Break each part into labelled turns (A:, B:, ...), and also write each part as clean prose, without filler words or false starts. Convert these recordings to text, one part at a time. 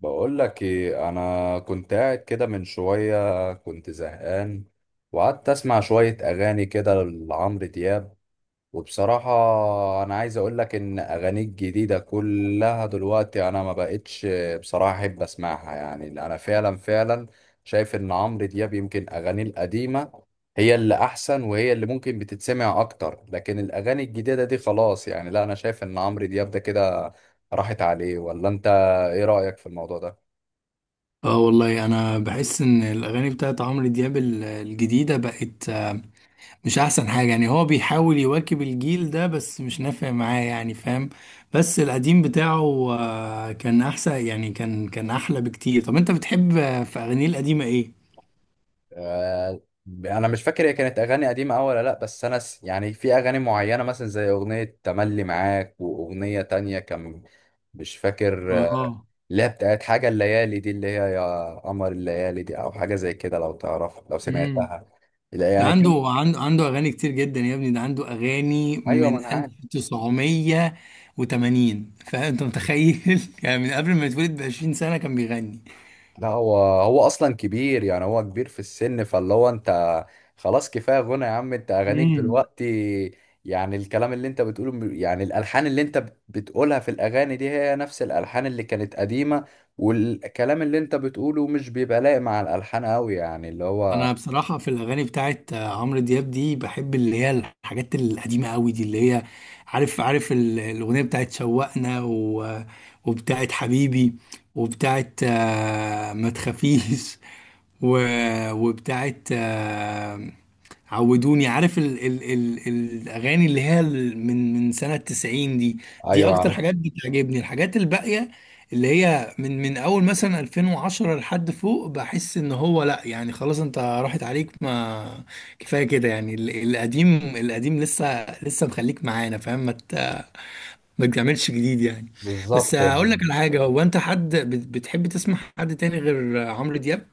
A: بقول لك ايه، انا كنت قاعد كده من شويه، كنت زهقان وقعدت اسمع شويه اغاني كده لعمرو دياب. وبصراحه انا عايز اقول لك ان اغانيه الجديده كلها دلوقتي انا ما بقتش بصراحه احب اسمعها. يعني انا فعلا شايف ان عمرو دياب يمكن اغانيه القديمه هي اللي احسن، وهي اللي ممكن بتتسمع اكتر، لكن الاغاني الجديده دي خلاص. يعني لا، انا شايف ان عمرو دياب ده كده راحت عليه. ولا انت ايه رايك في الموضوع ده؟
B: اه، والله انا بحس ان الاغاني بتاعت عمرو دياب الجديده بقت، مش احسن حاجه، يعني هو بيحاول يواكب الجيل ده، بس مش نافع معاه، يعني فاهم؟ بس القديم بتاعه كان احسن، يعني كان احلى بكتير. طب انت بتحب في اغانيه القديمه ايه؟
A: آه، انا مش فاكر هي كانت اغاني قديمه أوي ولا لا، بس يعني في اغاني معينه مثلا زي اغنيه تملي معاك واغنيه تانية كان مش فاكر
B: اه.
A: اللي هي بتاعت حاجه الليالي دي، اللي هي يا قمر الليالي دي او حاجه زي كده لو تعرف لو
B: امم.
A: سمعتها. لا
B: ده
A: يعني كان.
B: عنده اغاني كتير جدا يا ابني، ده عنده اغاني
A: ايوه
B: من
A: ما انا عارف.
B: 1980، فانت متخيل يعني من قبل ما يتولد ب 20 سنه كان بيغني.
A: لا، هو اصلا كبير، يعني هو كبير في السن. فاللي هو انت خلاص، كفايه غنى يا عم. انت اغانيك
B: امم.
A: دلوقتي يعني الكلام اللي انت بتقوله يعني الالحان اللي انت بتقولها في الاغاني دي هي نفس الالحان اللي كانت قديمه، والكلام اللي انت بتقوله مش بيبقى لايق مع الالحان قوي، يعني اللي هو.
B: انا بصراحه في الاغاني بتاعت عمرو دياب دي بحب اللي هي الحاجات القديمه قوي دي، اللي هي عارف الاغنيه بتاعت شوقنا، وبتاعت حبيبي، وبتاعت ما تخافيش، و... وبتاعت عودوني، عارف ال الاغاني اللي هي من سنه 90 دي. دي
A: ايوه
B: اكتر
A: عارف.
B: حاجات بتعجبني، الحاجات الباقيه اللي هي من اول مثلا 2010 لحد فوق بحس ان هو، لا يعني خلاص انت راحت عليك، ما كفايه كده، يعني القديم القديم لسه لسه مخليك معانا، فاهم؟ ما تعملش جديد يعني. بس
A: بالظبط
B: هقول لك
A: يعني.
B: على حاجه، هو انت حد بتحب تسمع حد تاني غير عمرو دياب؟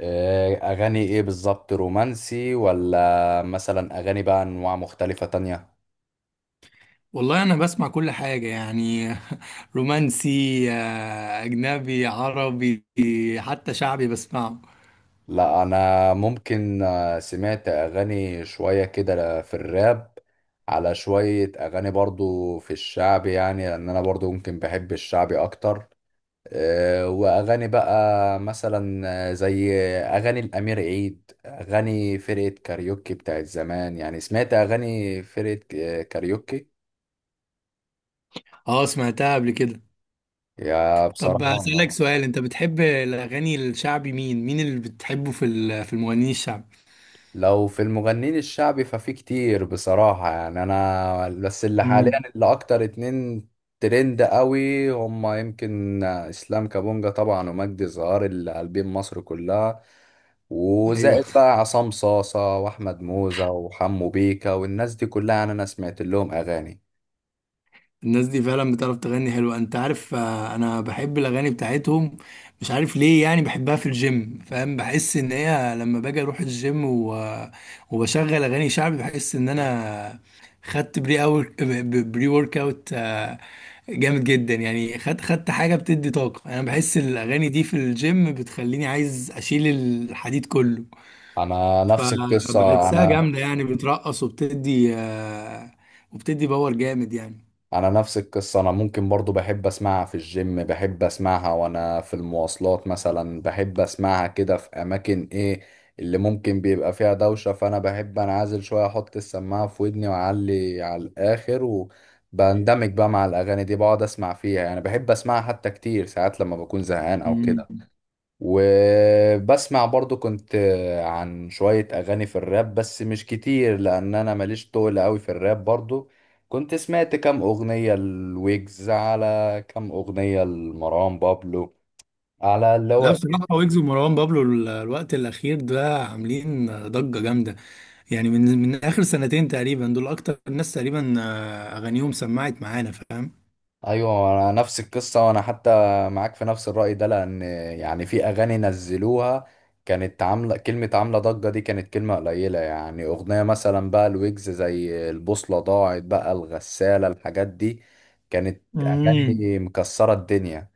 A: اغاني ايه بالظبط؟ رومانسي، ولا مثلا اغاني بقى انواع مختلفه تانية؟
B: والله انا بسمع كل حاجه يعني. رومانسي، اجنبي، عربي، حتى شعبي بسمعه.
A: لا انا ممكن سمعت اغاني شوية كده في الراب، على شوية اغاني برضو في الشعب. يعني لان انا برضو ممكن بحب الشعبي اكتر. واغاني بقى مثلا زي اغاني الامير عيد، اغاني فرقة كاريوكي بتاعت زمان. يعني سمعت اغاني فرقة كاريوكي.
B: اه، سمعتها قبل كده.
A: يا
B: طب اسالك
A: بصراحة.
B: سؤال، انت بتحب الاغاني الشعبي، مين اللي بتحبه في في المغنيين الشعبي؟
A: لو في المغنيين الشعبي ففي كتير بصراحة، يعني أنا بس اللي حاليا
B: مم.
A: اللي أكتر اتنين ترند قوي هما يمكن إسلام كابونجا طبعا، ومجدي الزهار اللي قلبين مصر كلها.
B: ايوه،
A: وزائد بقى عصام صاصة وأحمد موزة وحمو بيكا والناس دي كلها، يعني أنا سمعت لهم أغاني.
B: الناس دي فعلا بتعرف تغني حلو. انت عارف، انا بحب الاغاني بتاعتهم، مش عارف ليه، يعني بحبها في الجيم، فاهم؟ بحس ان هي لما باجي اروح الجيم وبشغل اغاني شعبي، بحس ان انا خدت بري أور... بري ورك اوت جامد جدا، يعني خدت حاجه بتدي طاقه. انا بحس الاغاني دي في الجيم بتخليني عايز اشيل الحديد كله،
A: أنا نفس القصة.
B: فبحسها
A: أنا
B: جامده، يعني بترقص وبتدي باور جامد يعني.
A: انا نفس القصه، انا ممكن برضو بحب اسمعها في الجيم، بحب اسمعها وانا في المواصلات مثلا، بحب اسمعها كده في اماكن ايه اللي ممكن بيبقى فيها دوشه، فانا بحب انعزل شويه، احط السماعه في ودني واعلي على الاخر، وبندمج بقى مع الاغاني دي، بقعد اسمع فيها. يعني بحب اسمعها حتى كتير ساعات لما بكون زهقان او
B: مم.
A: كده. وبسمع برضو كنت عن شوية أغاني في الراب بس مش كتير، لأن أنا ماليش طول أوي في الراب. برضو كنت سمعت كام أغنية الويجز، على كام أغنية لمروان بابلو، على اللي
B: لا،
A: هو.
B: بصراحة ويجز ومروان بابلو الوقت الأخير ده عاملين ضجة جامدة، يعني من آخر سنتين تقريبا، دول أكتر الناس تقريبا أغانيهم سمعت معانا، فاهم؟
A: ايوه انا نفس القصه، وانا حتى معاك في نفس الراي ده، لان يعني في اغاني نزلوها كانت عامله كلمه، عامله ضجه، دي كانت كلمه قليله، يعني اغنيه مثلا بقى الويجز زي البوصله ضاعت بقى الغساله، الحاجات دي كانت
B: امم.
A: اغاني مكسره الدنيا.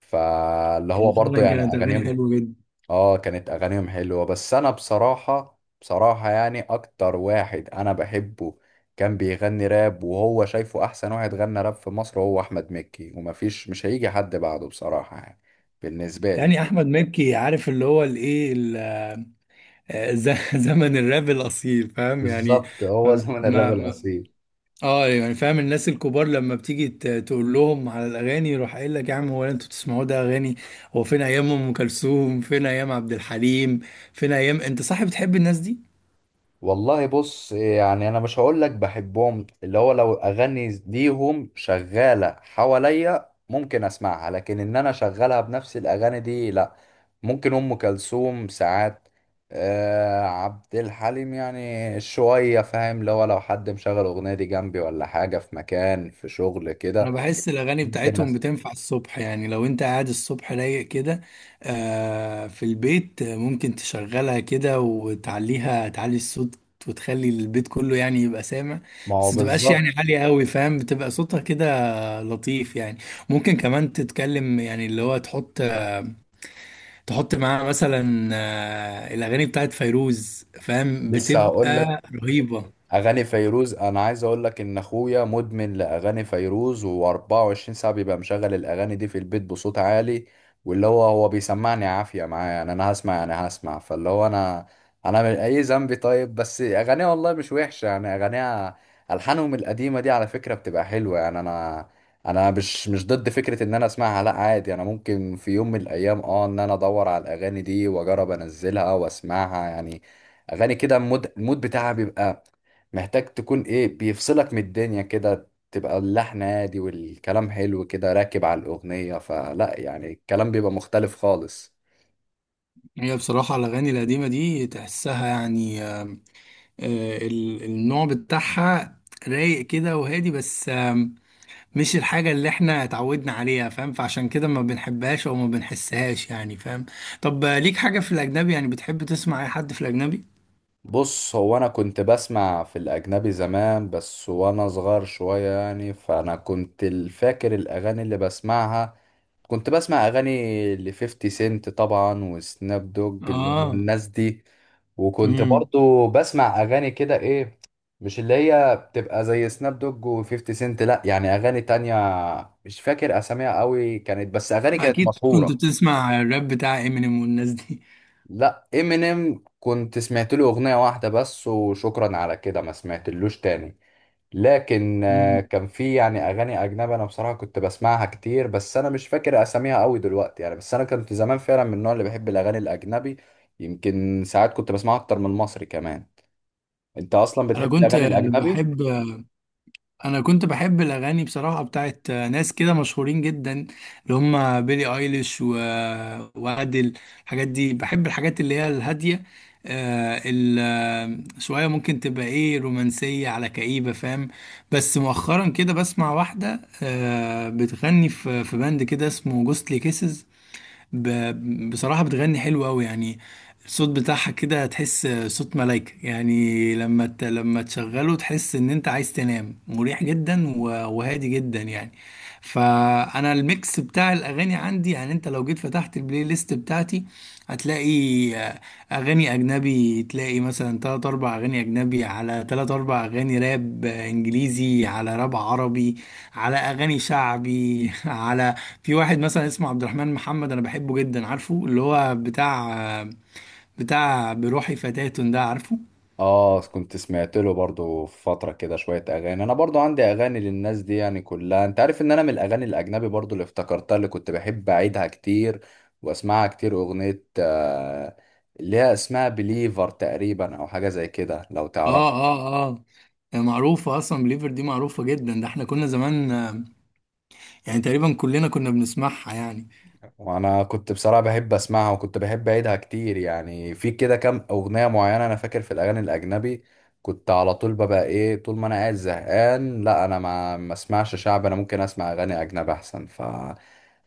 A: فاللي هو
B: يعني
A: برضه
B: فعلا
A: يعني
B: كانت أغاني
A: اغانيهم.
B: حلوة جدا،
A: اه كانت اغانيهم حلوة، بس انا بصراحة يعني اكتر واحد انا بحبه كان بيغني راب، وهو شايفه احسن واحد غنى راب في مصر هو احمد مكي، ومفيش مش هيجي حد بعده بصراحة، يعني بالنسبة لي.
B: يعني أحمد مكي، عارف اللي هو الإيه ال- آه، ز- زمن الراب الأصيل، فاهم يعني؟
A: بالظبط، هو
B: ما
A: زمن الراب
B: ما
A: الاصيل.
B: اه يعني فاهم، الناس الكبار لما بتيجي تقول لهم على الاغاني، يروح قايل لك، يا عم هو انتوا بتسمعوا ده اغاني؟ هو فين ايام ام كلثوم، فين ايام عبد الحليم، فين ايام، انت صح بتحب الناس دي؟
A: والله بص، يعني انا مش هقول لك بحبهم. اللي هو لو اغاني ليهم شغالة حواليا ممكن اسمعها، لكن ان انا شغالها بنفس الاغاني دي لا. ممكن ام كلثوم ساعات، آه عبد الحليم يعني شوية، فاهم اللي هو لو حد مشغل اغنية دي جنبي ولا حاجة في مكان في شغل
B: انا
A: كده،
B: بحس الاغاني
A: ممكن
B: بتاعتهم
A: أسمع.
B: بتنفع الصبح، يعني لو انت قاعد الصبح رايق كده في البيت، ممكن تشغلها كده وتعليها، تعلي الصوت، وتخلي البيت كله يعني يبقى سامع.
A: ما هو
B: بس ما تبقاش يعني
A: بالظبط.
B: عالية قوي، فاهم؟ بتبقى صوتها كده لطيف يعني. ممكن كمان تتكلم، يعني اللي هو تحط معاها مثلا الاغاني بتاعت فيروز، فاهم؟
A: لسه هقول.
B: بتبقى رهيبه.
A: اغاني فيروز، انا عايز اقول لك ان اخويا مدمن لاغاني فيروز، و24 ساعه بيبقى مشغل الاغاني دي في البيت بصوت عالي. واللي هو هو بيسمعني عافيه معايا، يعني انا هسمع، يعني هسمع. فاللي هو انا من اي ذنبي طيب؟ بس اغانيها والله مش وحشه، يعني اغانيها، الحانهم القديمه دي على فكره بتبقى حلوه. يعني انا مش ضد فكره ان انا اسمعها، لا عادي، انا ممكن في يوم من الايام اه ان انا ادور على الاغاني دي واجرب انزلها واسمعها. يعني اغاني كده، المود بتاعها بيبقى محتاج تكون ايه، بيفصلك من الدنيا كده، تبقى اللحن هادي والكلام حلو كده راكب على الأغنية، فلا يعني الكلام بيبقى مختلف خالص.
B: هي بصراحه الاغاني القديمه دي تحسها يعني النوع بتاعها رايق كده وهادي، بس مش الحاجه اللي احنا اتعودنا عليها، فاهم؟ فعشان كده ما بنحبهاش او ما بنحسهاش يعني، فاهم؟ طب ليك حاجه في الاجنبي؟ يعني بتحب تسمع اي حد في الاجنبي؟
A: بص هو انا كنت بسمع في الاجنبي زمان بس، وانا صغير شوية يعني. فانا كنت فاكر الاغاني اللي بسمعها، كنت بسمع اغاني ل 50 سنت طبعا وسناب دوج، اللي هم
B: اه.
A: الناس دي. وكنت
B: امم.
A: برضو بسمع اغاني كده ايه، مش اللي هي بتبقى زي سناب دوج و50 سنت لا، يعني اغاني تانية مش فاكر اساميها قوي كانت، بس اغاني كانت
B: اكيد كنت
A: مشهورة.
B: بتسمع الراب بتاع امينيم والناس دي.
A: لا امينيم كنت سمعت له اغنيه واحده بس وشكرا على كده، ما سمعتلوش تاني. لكن
B: مم.
A: كان في يعني اغاني اجنبي انا بصراحه كنت بسمعها كتير، بس انا مش فاكر اساميها قوي دلوقتي. يعني بس انا كنت زمان فعلا من النوع اللي بيحب الاغاني الاجنبي، يمكن ساعات كنت بسمعها اكتر من المصري كمان. انت اصلا
B: انا
A: بتحب
B: كنت
A: الاغاني الاجنبي؟
B: بحب انا كنت بحب الاغاني بصراحه بتاعت ناس كده مشهورين جدا، اللي هم بيلي ايليش وادل. الحاجات دي بحب، الحاجات اللي هي الهاديه، آه ال... آه، شويه ممكن تبقى ايه، رومانسيه على كئيبه، فاهم؟ بس مؤخرا كده بسمع واحده بتغني في باند كده اسمه جوستلي كيسز، ب... بصراحة بتغني حلو أوي يعني. الصوت بتاعها كده هتحس صوت ملايكة، يعني لما تشغله تحس إن أنت عايز تنام مريح جدا وهادي جدا يعني. فأنا الميكس بتاع الأغاني عندي، يعني أنت لو جيت فتحت البلاي ليست بتاعتي هتلاقي آه، أغاني أجنبي. تلاقي مثلا تلات أربع أغاني أجنبي، على تلات أربع أغاني راب إنجليزي، على راب عربي، على أغاني شعبي، على في واحد مثلا اسمه عبد الرحمن محمد انا بحبه جدا، عارفه اللي هو بتاع بروحي فتاة ده؟ عارفه؟
A: اه كنت سمعت له برضو في فترة كده شوية اغاني، انا برضو عندي اغاني للناس دي يعني كلها. انت عارف ان انا من الاغاني الاجنبي برضو اللي افتكرتها، اللي كنت بحب اعيدها كتير واسمعها كتير، اغنية آه اللي هي اسمها بليفر تقريبا او حاجة زي كده لو تعرف.
B: اه، اه، اه، معروفة اصلا، بليفر دي معروفة جدا، ده احنا كنا زمان يعني تقريبا كلنا كنا بنسمعها يعني.
A: وانا كنت بصراحه بحب اسمعها، وكنت بحب اعيدها كتير. يعني في كده كام اغنيه معينه انا فاكر في الاغاني الاجنبي كنت على طول ببقى ايه، طول ما انا قاعد زهقان لا، انا ما اسمعش شعب، انا ممكن اسمع اغاني اجنبي احسن. ف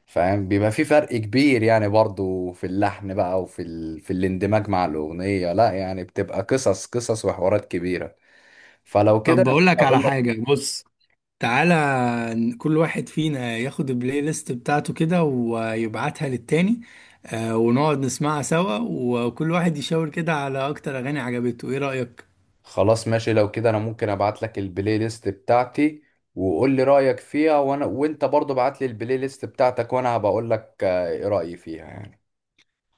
A: فاهم بيبقى في فرق كبير، يعني برضو في اللحن بقى وفي في الاندماج مع الاغنيه، لا يعني بتبقى قصص قصص وحوارات كبيره. فلو كده
B: طب
A: انا
B: بقول
A: كنت
B: لك على
A: هقول.
B: حاجة، بص تعالى، كل واحد فينا ياخد البلاي ليست بتاعته كده ويبعتها للتاني، ونقعد نسمعها سوا، وكل واحد يشاور كده على اكتر اغاني عجبته. ايه رأيك؟
A: خلاص ماشي، لو كده انا ممكن ابعت لك البلاي ليست بتاعتي، وقول لي رايك فيها، وانا وانت برضو ابعت لي البلاي ليست بتاعتك، وانا هبقول لك ايه رايي فيها يعني.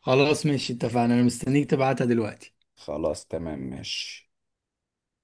B: خلاص ماشي، اتفقنا، انا مستنيك تبعتها دلوقتي.
A: خلاص تمام ماشي.